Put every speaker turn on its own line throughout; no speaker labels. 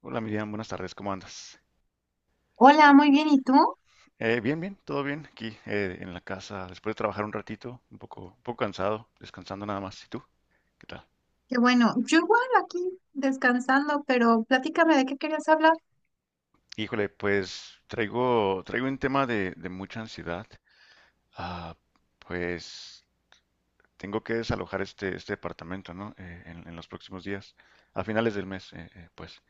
Hola Miriam, buenas tardes, ¿cómo andas?
Hola, muy bien. ¿Y tú?
Bien, bien, todo bien aquí en la casa, después de trabajar un ratito, un poco cansado, descansando nada más. ¿Y tú? ¿Qué tal?
Qué bueno. Yo igual aquí descansando, pero platícame de qué querías hablar.
Híjole, pues traigo un tema de mucha ansiedad. Ah, pues tengo que desalojar este departamento, ¿no? En los próximos días, a finales del mes, pues.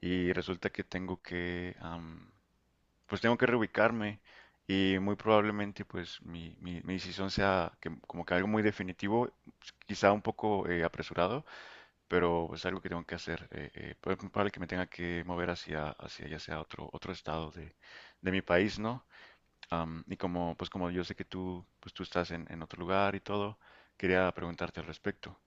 Y resulta que tengo que, pues tengo que reubicarme y muy probablemente pues mi decisión sea como que algo muy definitivo, quizá un poco apresurado, pero es algo que tengo que hacer. Pero es muy probable que me tenga que mover hacia ya sea otro estado de mi país, ¿no? Y como pues como yo sé que tú pues tú estás en otro lugar y todo, quería preguntarte al respecto.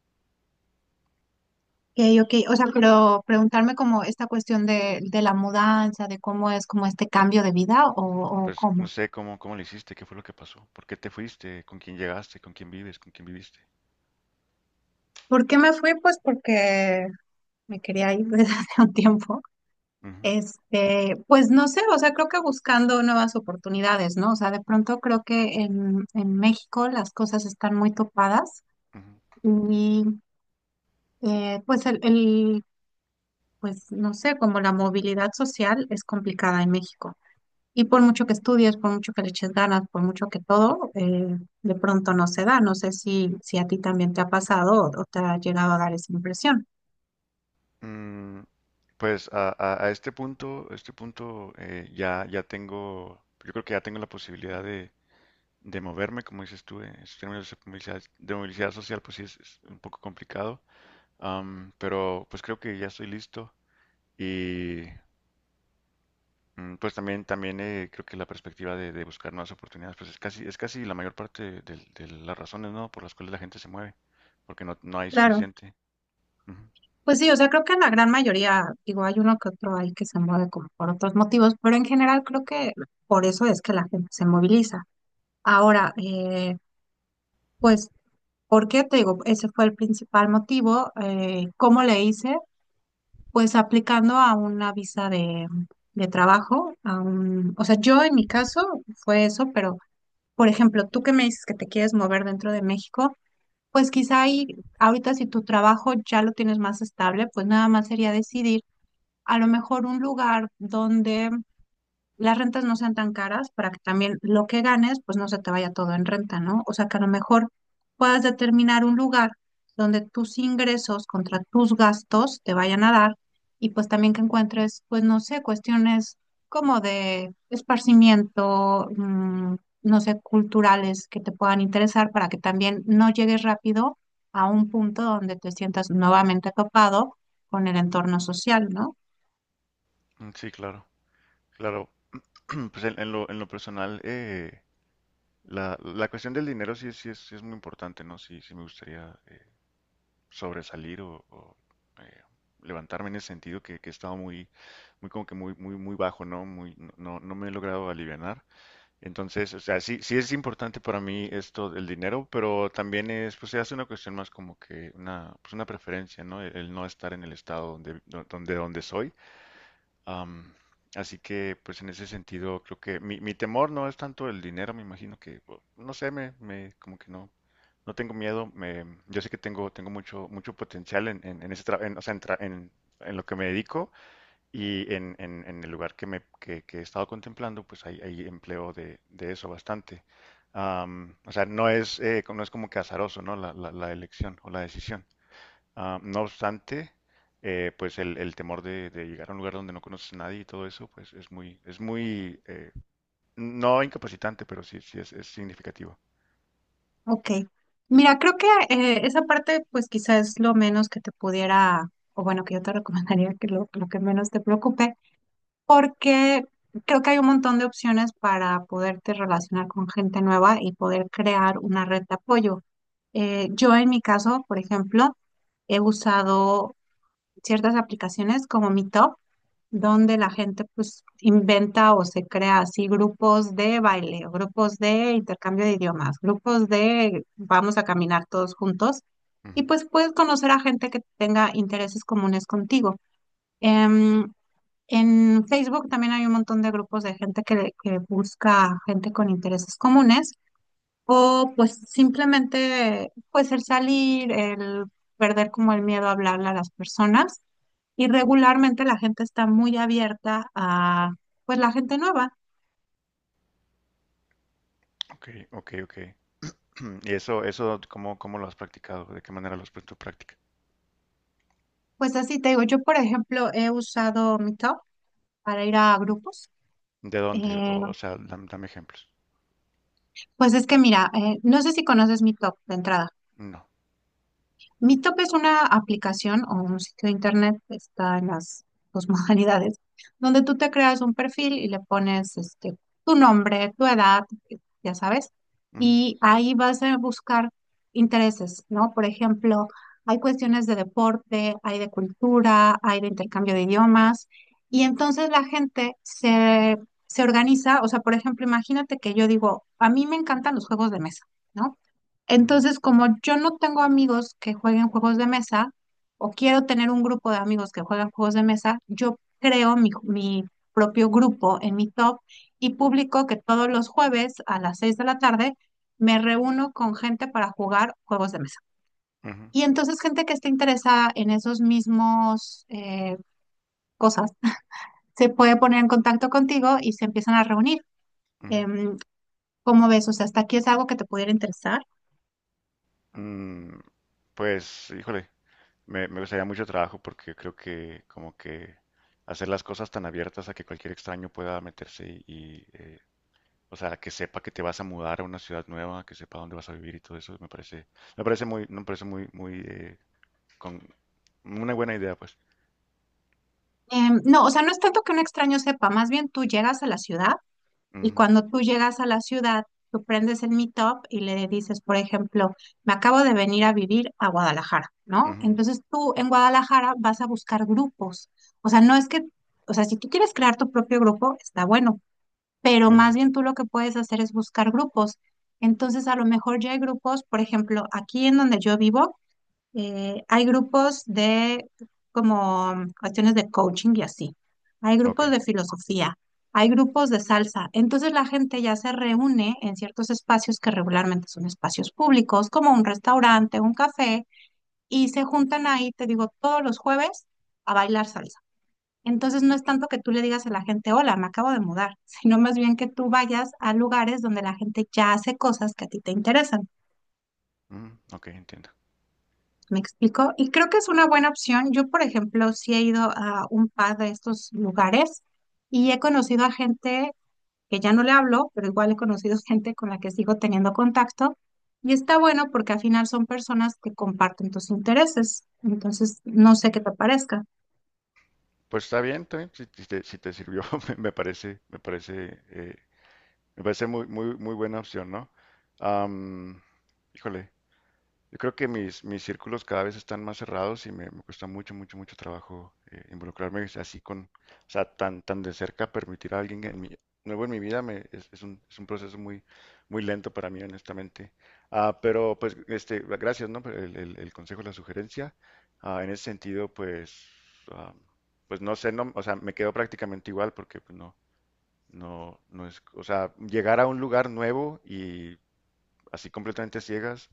Ok, ok. O sea, pero preguntarme como esta cuestión de la mudanza, de cómo es como este cambio de vida o
Pues no
cómo.
sé cómo lo hiciste, qué fue lo que pasó, por qué te fuiste, con quién llegaste, con quién vives, con quién viviste.
¿Por qué me fui? Pues porque me quería ir desde hace un tiempo.
Ujú,
Este, pues no sé, o sea, creo que buscando nuevas oportunidades, ¿no? O sea, de pronto creo que en México las cosas están muy topadas
ujú.
y pues el pues no sé, como la movilidad social es complicada en México. Y por mucho que estudies, por mucho que le eches ganas, por mucho que todo, de pronto no se da. No sé si a ti también te ha pasado o te ha llegado a dar esa impresión.
Mm, pues a este punto ya tengo, yo creo que ya tengo la posibilidad de moverme, como dices tú, en esos términos de movilidad social, pues sí es un poco complicado. Pero pues creo que ya estoy listo y pues también, también creo que la perspectiva de buscar nuevas oportunidades, pues es casi la mayor parte de las razones, ¿no? Por las cuales la gente se mueve, porque no hay
Claro,
suficiente. Ujú.
pues sí, o sea, creo que la gran mayoría, digo, hay uno que otro ahí que se mueve como por otros motivos, pero en general creo que por eso es que la gente se moviliza. Ahora, pues, ¿por qué? Te digo, ese fue el principal motivo. ¿Cómo le hice? Pues aplicando a una visa de trabajo. O sea, yo en mi caso fue eso, pero por ejemplo, tú que me dices que te quieres mover dentro de México, pues quizá ahí, ahorita si tu trabajo ya lo tienes más estable, pues nada más sería decidir a lo mejor un lugar donde las rentas no sean tan caras para que también lo que ganes, pues no se te vaya todo en renta, ¿no? O sea, que a lo mejor puedas determinar un lugar donde tus ingresos contra tus gastos te vayan a dar y pues también que encuentres, pues no sé, cuestiones como de esparcimiento, no sé, culturales que te puedan interesar para que también no llegues rápido a un punto donde te sientas nuevamente topado con el entorno social, ¿no?
Mm, sí, claro, claro. Pues en lo personal, la, la cuestión del dinero sí, sí es muy importante, ¿no? Sí, sí me gustaría sobresalir eh, levantarme en ese sentido que he estado muy, muy como que muy, muy, muy bajo, ¿no? Muy, no, no no me he logrado alivianar. Entonces, o sea, sí, sí es importante para mí esto del dinero, pero también es, pues se hace una cuestión más como que una, pues una preferencia, ¿no? El No estar en el estado donde soy. Am, Así que, pues en ese sentido, creo que mi temor no es tanto el dinero, me imagino no sé, como que no, no tengo miedo. Yo sé que tengo, tengo mucho, mucho potencial en ese o sea, en lo que me dedico y en el lugar que he estado contemplando, pues hay empleo de eso bastante. O sea, no es, no es como que azaroso, ¿no? La elección o la decisión. Ah, no obstante, pues el temor de llegar a un lugar donde no conoces a nadie y todo eso, pues es muy, no incapacitante, pero sí, sí es significativo.
Ok. Mira, creo que esa parte, pues quizás es lo menos que te pudiera, o bueno, que yo te recomendaría que lo que menos te preocupe, porque creo que hay un montón de opciones para poderte relacionar con gente nueva y poder crear una red de apoyo. Yo en mi caso, por ejemplo, he usado ciertas aplicaciones como Meetup, donde la gente pues inventa o se crea así grupos de baile, o grupos de intercambio de idiomas, grupos de vamos a caminar todos juntos
Ujú.
y pues puedes conocer a gente que tenga intereses comunes contigo. Em, en Facebook también hay un montón de grupos de gente que busca gente con intereses comunes. O pues simplemente, pues el salir, el perder como el miedo a hablarle a las personas. Y regularmente la gente está muy abierta a, pues la gente nueva.
Ok, ok, ok. ¿Y eso cómo, cómo lo has practicado? ¿De qué manera lo has puesto en práctica?
Pues así te digo, yo por ejemplo he usado Meetup para ir a grupos.
¿De dónde?
Eh,
O sea, dame ejemplos.
pues es que mira, no sé si conoces Meetup de entrada.
No.
Meetup es una aplicación o un sitio de internet, está en las dos modalidades, donde tú te creas un perfil y le pones tu nombre, tu edad, ya sabes,
Ujú,
y ahí vas a buscar intereses, ¿no? Por ejemplo, hay cuestiones de deporte, hay de cultura, hay de intercambio de idiomas, y entonces la gente se organiza, o sea, por ejemplo, imagínate que yo digo, a mí me encantan los juegos de mesa, ¿no?
ujú,
Entonces, como yo no tengo amigos que jueguen juegos de mesa, o quiero tener un grupo de amigos que juegan juegos de mesa, yo creo mi propio grupo en mi top y publico que todos los jueves a las 6 de la tarde me reúno con gente para jugar juegos de mesa.
ujú,
Y entonces gente que esté interesada en esos mismos cosas se puede poner en contacto contigo y se empiezan a reunir.
ujú.
Em, ¿Cómo ves? O sea, ¿hasta aquí es algo que te pudiera interesar?
Mm, pues, híjole. Me gustaría mucho trabajo porque creo que como que hacer las cosas tan abiertas a que cualquier extraño pueda meterse o sea, que sepa que te vas a mudar a una ciudad nueva, que sepa dónde vas a vivir y todo eso, me parece muy, muy, con una buena idea, pues.
No, o sea, no es tanto que un extraño sepa, más bien tú llegas a la ciudad y
Ujú,
cuando tú llegas a la ciudad, tú prendes el Meetup y le dices, por ejemplo, me acabo de venir a vivir a Guadalajara, ¿no?
ujú,
Entonces tú en Guadalajara vas a buscar grupos. O sea, no es que, o sea, si tú quieres crear tu propio grupo, está bueno, pero
ujú.
más bien tú lo que puedes hacer es buscar grupos. Entonces, a lo mejor ya hay grupos, por ejemplo, aquí en donde yo vivo, hay grupos de como cuestiones de coaching y así. Hay
Ok,
grupos de filosofía, hay grupos de salsa. Entonces la gente ya se reúne en ciertos espacios que regularmente son espacios públicos, como un restaurante, un café, y se juntan ahí, te digo, todos los jueves a bailar salsa. Entonces no es tanto que tú le digas a la gente, hola, me acabo de mudar, sino más bien que tú vayas a lugares donde la gente ya hace cosas que a ti te interesan.
ujú, ok, entiendo.
¿Me explico? Y creo que es una buena opción. Yo, por ejemplo, sí he ido a un par de estos lugares y he conocido a gente que ya no le hablo, pero igual he conocido gente con la que sigo teniendo contacto. Y está bueno porque al final son personas que comparten tus intereses. Entonces, no sé qué te parezca.
Pues está bien, si, si te sirvió, me parece, me parece, me parece muy, muy, muy buena opción, ¿no? Am, Híjole, yo creo que mis círculos cada vez están más cerrados y me cuesta mucho, mucho, mucho trabajo involucrarme así con, o sea, tan, tan de cerca, permitir a alguien en nuevo en mi vida me, es un proceso muy, muy lento para mí, honestamente. Ah, pero pues, este, gracias, ¿no? Por el consejo, la sugerencia. Ah, en ese sentido, pues, ah, pues no sé, no, o sea, me quedo prácticamente igual porque pues, no, no, no es, o sea, llegar a un lugar nuevo así completamente a ciegas,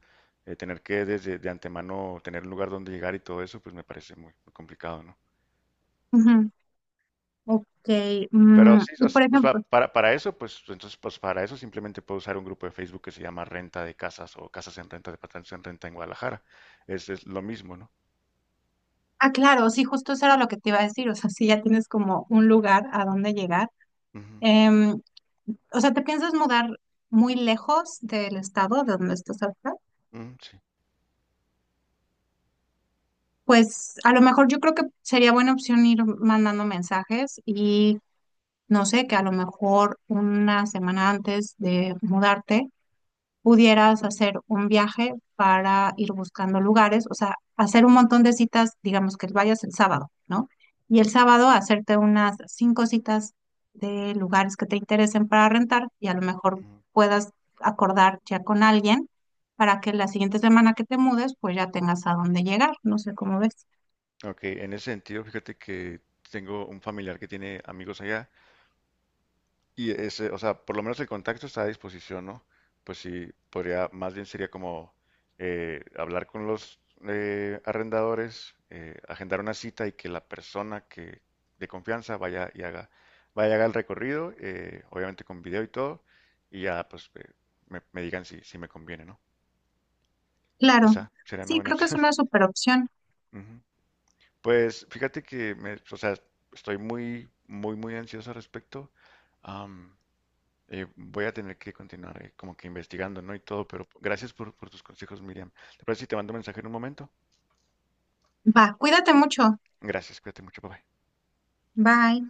tener que desde de antemano tener un lugar donde llegar y todo eso, pues me parece muy, muy complicado, ¿no?
Ujú. Ok.
Pero sí,
Y por
pues
ejemplo,
para eso, pues entonces, pues para eso simplemente puedo usar un grupo de Facebook que se llama Renta de Casas o Casas en Renta, Departamentos en Renta en Guadalajara. Es lo mismo, ¿no?
ah, claro, sí, justo eso era lo que te iba a decir, o sea, si ya tienes como un lugar a donde llegar.
Ujú,
Em, o sea, ¿te piensas mudar muy lejos del estado de donde estás ahorita?
ujú, sí.
Pues a lo mejor yo creo que sería buena opción ir mandando mensajes y no sé, que a lo mejor una semana antes de mudarte pudieras hacer un viaje para ir buscando lugares, o sea, hacer un montón de citas, digamos que vayas el sábado, ¿no? Y el sábado hacerte unas cinco citas de lugares que te interesen para rentar y a lo mejor
Ujú.
puedas acordar ya con alguien para que la siguiente semana que te mudes, pues ya tengas a dónde llegar, no sé cómo ves.
Ok, en ese sentido, fíjate que tengo un familiar que tiene amigos allá. Y ese, o sea, por lo menos el contacto está a disposición, ¿no? Pues sí, podría, más bien sería como hablar con los arrendadores, agendar una cita y que la persona que de confianza vaya y haga el recorrido, obviamente con video y todo, y ya pues me digan si, si me conviene, ¿no?
Claro,
Quizá sería una
sí,
buena
creo que es
opción.
una super opción.
Ujú. Pues fíjate que me, o sea, estoy muy, muy, muy ansioso al respecto. Am, Voy a tener que continuar como que investigando, ¿no? Y todo, pero gracias por tus consejos, Miriam. ¿Te parece si te mando un mensaje en un momento?
Va, cuídate mucho.
Gracias, cuídate mucho, papá.
Bye.